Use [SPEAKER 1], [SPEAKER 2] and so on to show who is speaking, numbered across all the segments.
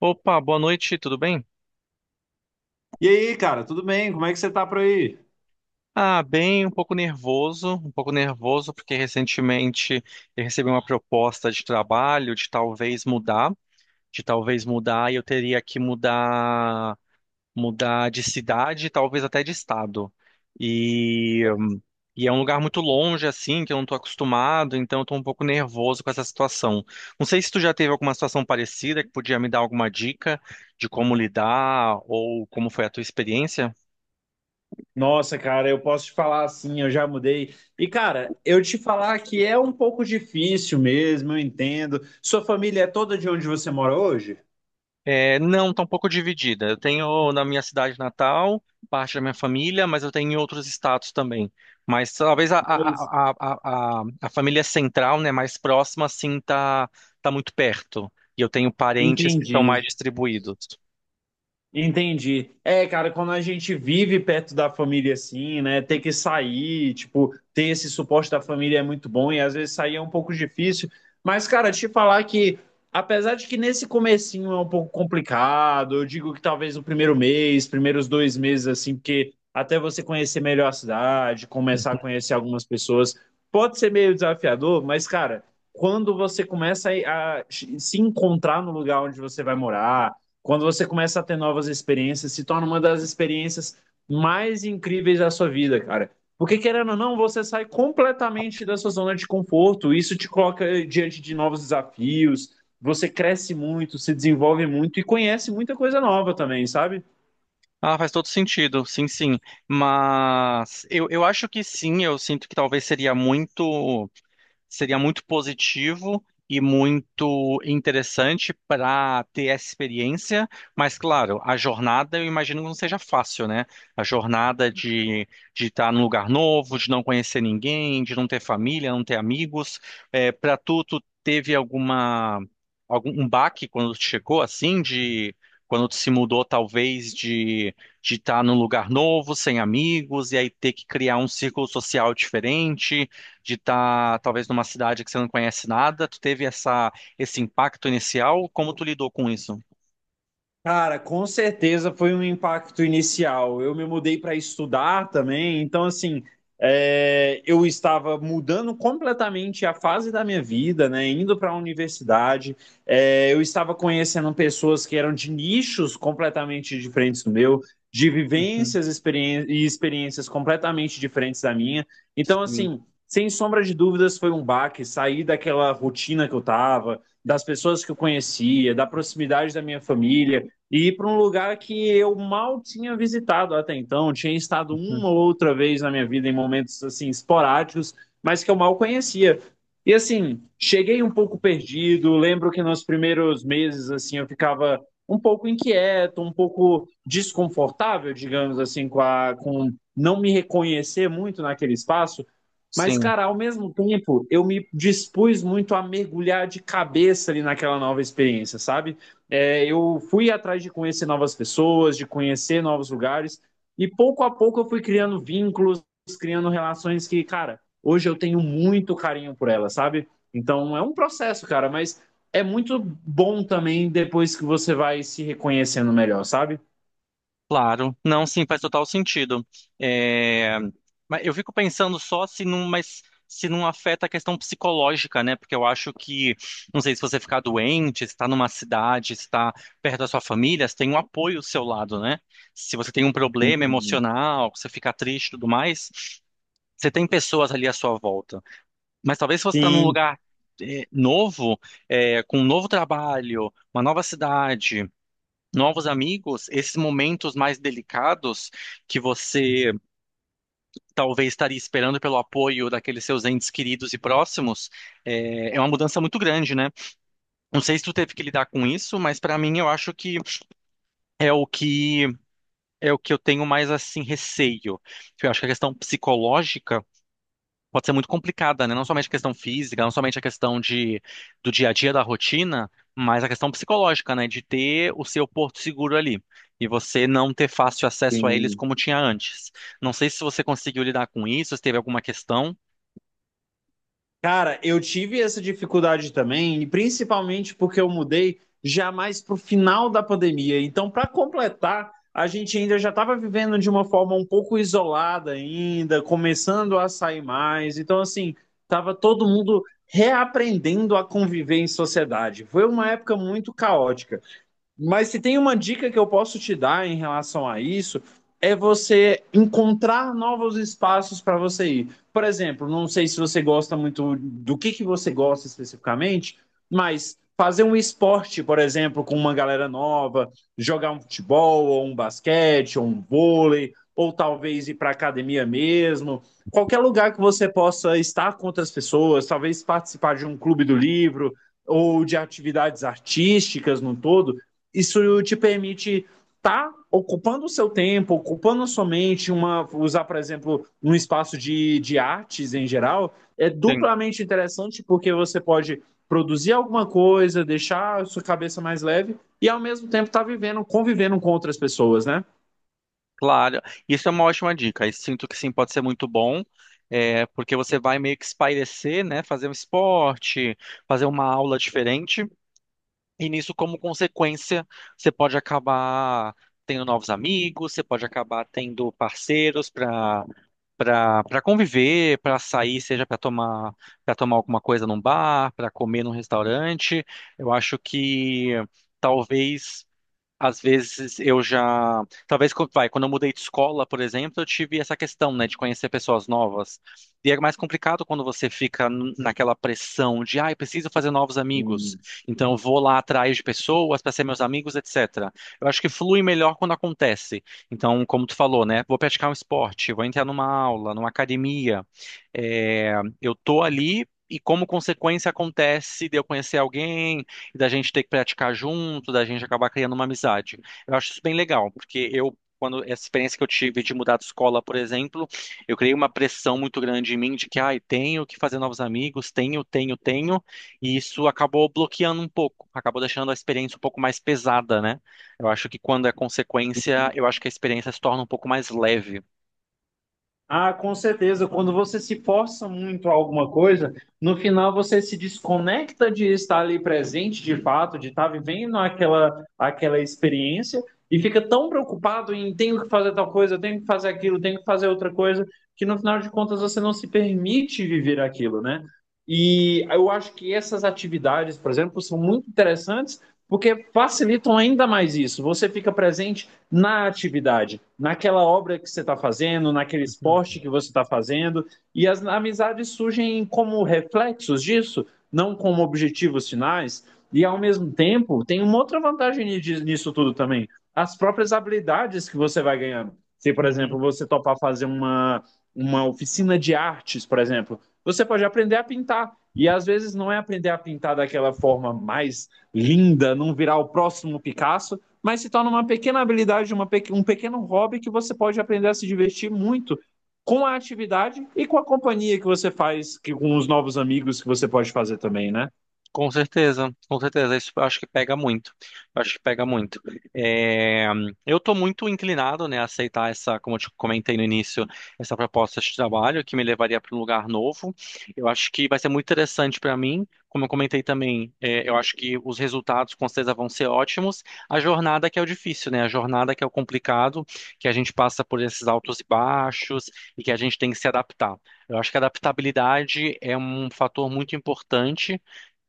[SPEAKER 1] Opa, boa noite, tudo bem?
[SPEAKER 2] E aí, cara, tudo bem? Como é que você tá por aí?
[SPEAKER 1] Ah, bem, um pouco nervoso, porque recentemente eu recebi uma proposta de trabalho de talvez mudar, eu teria que mudar, mudar de cidade, talvez até de estado. E, e é um lugar muito longe assim, que eu não estou acostumado, então eu estou um pouco nervoso com essa situação. Não sei se tu já teve alguma situação parecida que podia me dar alguma dica de como lidar ou como foi a tua experiência.
[SPEAKER 2] Nossa, cara, eu posso te falar assim, eu já mudei. E, cara, eu te falar que é um pouco difícil mesmo, eu entendo. Sua família é toda de onde você mora hoje?
[SPEAKER 1] É, não, tá um pouco dividida. Eu tenho na minha cidade natal, parte da minha família, mas eu tenho em outros estados também. Mas talvez a,
[SPEAKER 2] Pois.
[SPEAKER 1] a, a, a, a a família central, né, mais próxima, assim, tá muito perto. E eu tenho parentes que estão mais
[SPEAKER 2] Entendi.
[SPEAKER 1] distribuídos.
[SPEAKER 2] Entendi. É, cara, quando a gente vive perto da família assim, né, ter que sair, tipo, ter esse suporte da família é muito bom e às vezes sair é um pouco difícil. Mas, cara, te falar que, apesar de que nesse comecinho é um pouco complicado, eu digo que talvez o primeiro mês, primeiros dois meses, assim, porque até você conhecer melhor a cidade, começar a
[SPEAKER 1] Uhum.
[SPEAKER 2] conhecer algumas pessoas, pode ser meio desafiador, mas, cara, quando você começa a se encontrar no lugar onde você vai morar, quando você começa a ter novas experiências, se torna uma das experiências mais incríveis da sua vida, cara. Porque, querendo ou não, você sai completamente da sua zona de conforto. Isso te coloca diante de novos desafios. Você cresce muito, se desenvolve muito e conhece muita coisa nova também, sabe?
[SPEAKER 1] Ah, faz todo sentido, sim, sim. Mas eu acho que sim, eu sinto que talvez seria muito. Seria muito positivo e muito interessante para ter essa experiência, mas claro, a jornada eu imagino que não seja fácil, né? A jornada de estar num lugar novo, de não conhecer ninguém, de não ter família, não ter amigos. É, para tu, tu teve alguma algum um baque quando tu chegou assim de Quando tu se mudou, talvez, de estar num lugar novo, sem amigos, e aí ter que criar um círculo social diferente, de estar talvez numa cidade que você não conhece nada, tu teve essa esse impacto inicial, como tu lidou com isso?
[SPEAKER 2] Cara, com certeza foi um impacto inicial. Eu me mudei para estudar também, então, assim, é, eu estava mudando completamente a fase da minha vida, né? Indo para a universidade. É, eu estava conhecendo pessoas que eram de nichos completamente diferentes do meu, de
[SPEAKER 1] Uhum,
[SPEAKER 2] vivências e experiências completamente diferentes da minha. Então,
[SPEAKER 1] sim,
[SPEAKER 2] assim, sem sombra de dúvidas, foi um baque sair daquela rotina que eu estava, das pessoas que eu conhecia, da proximidade da minha família e ir para um lugar que eu mal tinha visitado até então. Tinha estado
[SPEAKER 1] uhum,
[SPEAKER 2] uma ou outra vez na minha vida em momentos assim esporádicos, mas que eu mal conhecia. E assim, cheguei um pouco perdido. Lembro que nos primeiros meses assim eu ficava um pouco inquieto, um pouco desconfortável, digamos assim, com não me reconhecer muito naquele espaço. Mas,
[SPEAKER 1] sim,
[SPEAKER 2] cara, ao mesmo tempo, eu me dispus muito a mergulhar de cabeça ali naquela nova experiência, sabe? É, eu fui atrás de conhecer novas pessoas, de conhecer novos lugares, e pouco a pouco eu fui criando vínculos, criando relações que, cara, hoje eu tenho muito carinho por elas, sabe? Então é um processo, cara, mas é muito bom também depois que você vai se reconhecendo melhor, sabe?
[SPEAKER 1] claro. Não, sim, faz total sentido. É, mas eu fico pensando só se não, mas se não afeta a questão psicológica, né? Porque eu acho que, não sei se você ficar doente, se está numa cidade, se está perto da sua família, se tem um apoio ao seu lado, né? Se você tem um problema
[SPEAKER 2] Sim,
[SPEAKER 1] emocional, você fica triste e tudo mais, você tem pessoas ali à sua volta. Mas talvez se você está num
[SPEAKER 2] sim,
[SPEAKER 1] lugar novo, com um novo trabalho, uma nova cidade, novos amigos, esses momentos mais delicados que você talvez estaria esperando pelo apoio daqueles seus entes queridos e próximos, é uma mudança muito grande, né? Não sei se tu teve que lidar com isso, mas para mim eu acho que é o que é o que eu tenho mais assim receio. Eu acho que a questão psicológica pode ser muito complicada, né? Não somente a questão física, não somente a questão de, do dia a dia, da rotina, mas a questão psicológica, né? De ter o seu porto seguro ali e você não ter fácil acesso a eles
[SPEAKER 2] sim.
[SPEAKER 1] como tinha antes. Não sei se você conseguiu lidar com isso, se teve alguma questão.
[SPEAKER 2] Cara, eu tive essa dificuldade também, e principalmente porque eu mudei já mais para o final da pandemia. Então, para completar, a gente ainda já estava vivendo de uma forma um pouco isolada ainda, começando a sair mais. Então, assim, estava todo mundo reaprendendo a conviver em sociedade. Foi uma época muito caótica. Mas se tem uma dica que eu posso te dar em relação a isso, é você encontrar novos espaços para você ir. Por exemplo, não sei se você gosta muito do que você gosta especificamente, mas fazer um esporte, por exemplo, com uma galera nova, jogar um futebol, ou um basquete, ou um vôlei, ou talvez ir para academia mesmo. Qualquer lugar que você possa estar com outras pessoas, talvez participar de um clube do livro ou de atividades artísticas no todo, isso te permite estar tá ocupando o seu tempo, ocupando a sua mente, uma, usar, por exemplo, um espaço de artes em geral, é
[SPEAKER 1] Sim,
[SPEAKER 2] duplamente interessante porque você pode produzir alguma coisa, deixar a sua cabeça mais leve e ao mesmo tempo estar tá vivendo, convivendo com outras pessoas, né?
[SPEAKER 1] claro. Isso é uma ótima dica. Eu sinto que sim, pode ser muito bom. É, porque você vai meio que espairecer, né? Fazer um esporte, fazer uma aula diferente. E nisso, como consequência, você pode acabar tendo novos amigos, você pode acabar tendo parceiros para para conviver, para sair, seja para tomar alguma coisa num bar, para comer num restaurante. Eu acho que talvez às vezes eu já. Talvez, co- vai, quando eu mudei de escola, por exemplo, eu tive essa questão, né, de conhecer pessoas novas. E é mais complicado quando você fica naquela pressão de, ah, eu preciso fazer novos amigos. Então eu vou lá atrás de pessoas para ser meus amigos, etc. Eu acho que flui melhor quando acontece. Então, como tu falou, né, vou praticar um esporte, vou entrar numa aula, numa academia. É, eu tô ali. E como consequência acontece de eu conhecer alguém, da gente ter que praticar junto, da gente acabar criando uma amizade. Eu acho isso bem legal, porque quando essa experiência que eu tive de mudar de escola, por exemplo, eu criei uma pressão muito grande em mim de que, ai, tenho que fazer novos amigos, e isso acabou bloqueando um pouco, acabou deixando a experiência um pouco mais pesada, né? Eu acho que quando é consequência, eu acho que a experiência se torna um pouco mais leve.
[SPEAKER 2] Ah, com certeza. Quando você se força muito a alguma coisa, no final você se desconecta de estar ali presente de fato, de estar vivendo aquela experiência e fica tão preocupado em tenho que fazer tal coisa, tenho que fazer aquilo, tenho que fazer outra coisa, que no final de contas você não se permite viver aquilo, né? E eu acho que essas atividades, por exemplo, são muito interessantes porque facilitam ainda mais isso. Você fica presente na atividade, naquela obra que você está fazendo, naquele
[SPEAKER 1] Uhum.
[SPEAKER 2] esporte que você está fazendo, e as amizades surgem como reflexos disso, não como objetivos finais. E ao mesmo tempo, tem uma outra vantagem nisso tudo também: as próprias habilidades que você vai ganhando. Se, por exemplo,
[SPEAKER 1] Uhum.
[SPEAKER 2] você topar fazer uma oficina de artes, por exemplo, você pode aprender a pintar. E às vezes não é aprender a pintar daquela forma mais linda, não virar o próximo Picasso, mas se torna uma pequena habilidade, um pequeno hobby que você pode aprender a se divertir muito com a atividade e com a companhia que você faz, que, com os novos amigos que você pode fazer também, né?
[SPEAKER 1] Com certeza, com certeza. Isso eu acho que pega muito. Eu acho que pega muito. É, eu estou muito inclinado, né, a aceitar essa, como eu te comentei no início, essa proposta de trabalho que me levaria para um lugar novo. Eu acho que vai ser muito interessante para mim. Como eu comentei também, é, eu acho que os resultados com certeza vão ser ótimos. A jornada que é o difícil, né? A jornada que é o complicado, que a gente passa por esses altos e baixos e que a gente tem que se adaptar. Eu acho que a adaptabilidade é um fator muito importante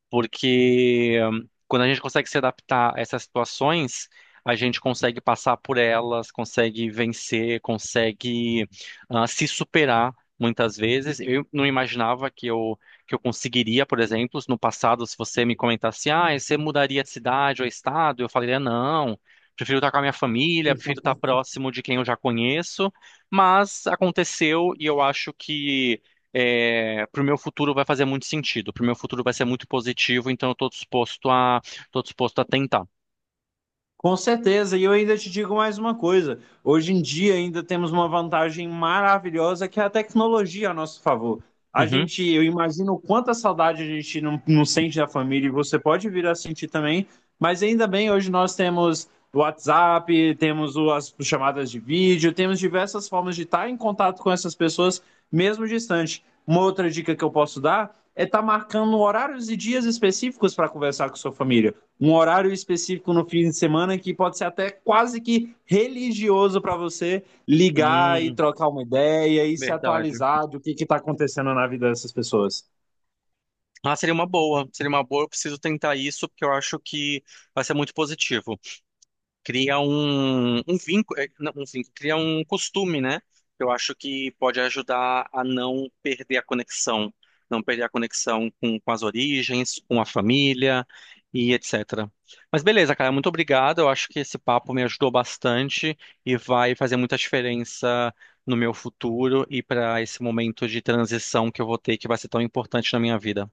[SPEAKER 1] porque quando a gente consegue se adaptar a essas situações, a gente consegue passar por elas, consegue vencer, consegue se superar muitas vezes. Eu não imaginava que eu conseguiria, por exemplo, no passado, se você me comentasse, ah, você mudaria de cidade ou estado, eu falaria não. Prefiro estar com a minha família, prefiro estar próximo de quem eu já conheço, mas aconteceu e eu acho que é, para o meu futuro vai fazer muito sentido, para o meu futuro vai ser muito positivo, então eu estou disposto a, tô disposto a tentar.
[SPEAKER 2] Com certeza, e eu ainda te digo mais uma coisa. Hoje em dia ainda temos uma vantagem maravilhosa que é a tecnologia a nosso favor. A
[SPEAKER 1] Uhum.
[SPEAKER 2] gente, eu imagino quanta saudade a gente não sente da família e você pode vir a sentir também, mas ainda bem, hoje nós temos o WhatsApp, temos as chamadas de vídeo, temos diversas formas de estar em contato com essas pessoas, mesmo distante. Uma outra dica que eu posso dar é estar marcando horários e dias específicos para conversar com sua família, um horário específico no fim de semana que pode ser até quase que religioso para você ligar e
[SPEAKER 1] Hum,
[SPEAKER 2] trocar uma ideia e se
[SPEAKER 1] verdade.
[SPEAKER 2] atualizar do que está acontecendo na vida dessas pessoas.
[SPEAKER 1] Ah, seria uma boa, eu preciso tentar isso, porque eu acho que vai ser muito positivo. Cria um vínculo, eh, não, um vínculo, cria um costume, né? Eu acho que pode ajudar a não perder a conexão, não perder a conexão com as origens, com a família e etc. Mas beleza, cara, muito obrigado. Eu acho que esse papo me ajudou bastante e vai fazer muita diferença no meu futuro e para esse momento de transição que eu vou ter, que vai ser tão importante na minha vida.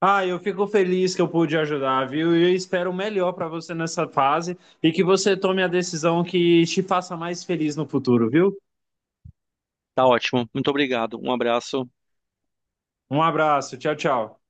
[SPEAKER 2] Ah, eu fico feliz que eu pude ajudar, viu? E eu espero o melhor para você nessa fase e que você tome a decisão que te faça mais feliz no futuro, viu?
[SPEAKER 1] Tá ótimo. Muito obrigado. Um abraço.
[SPEAKER 2] Um abraço, tchau, tchau.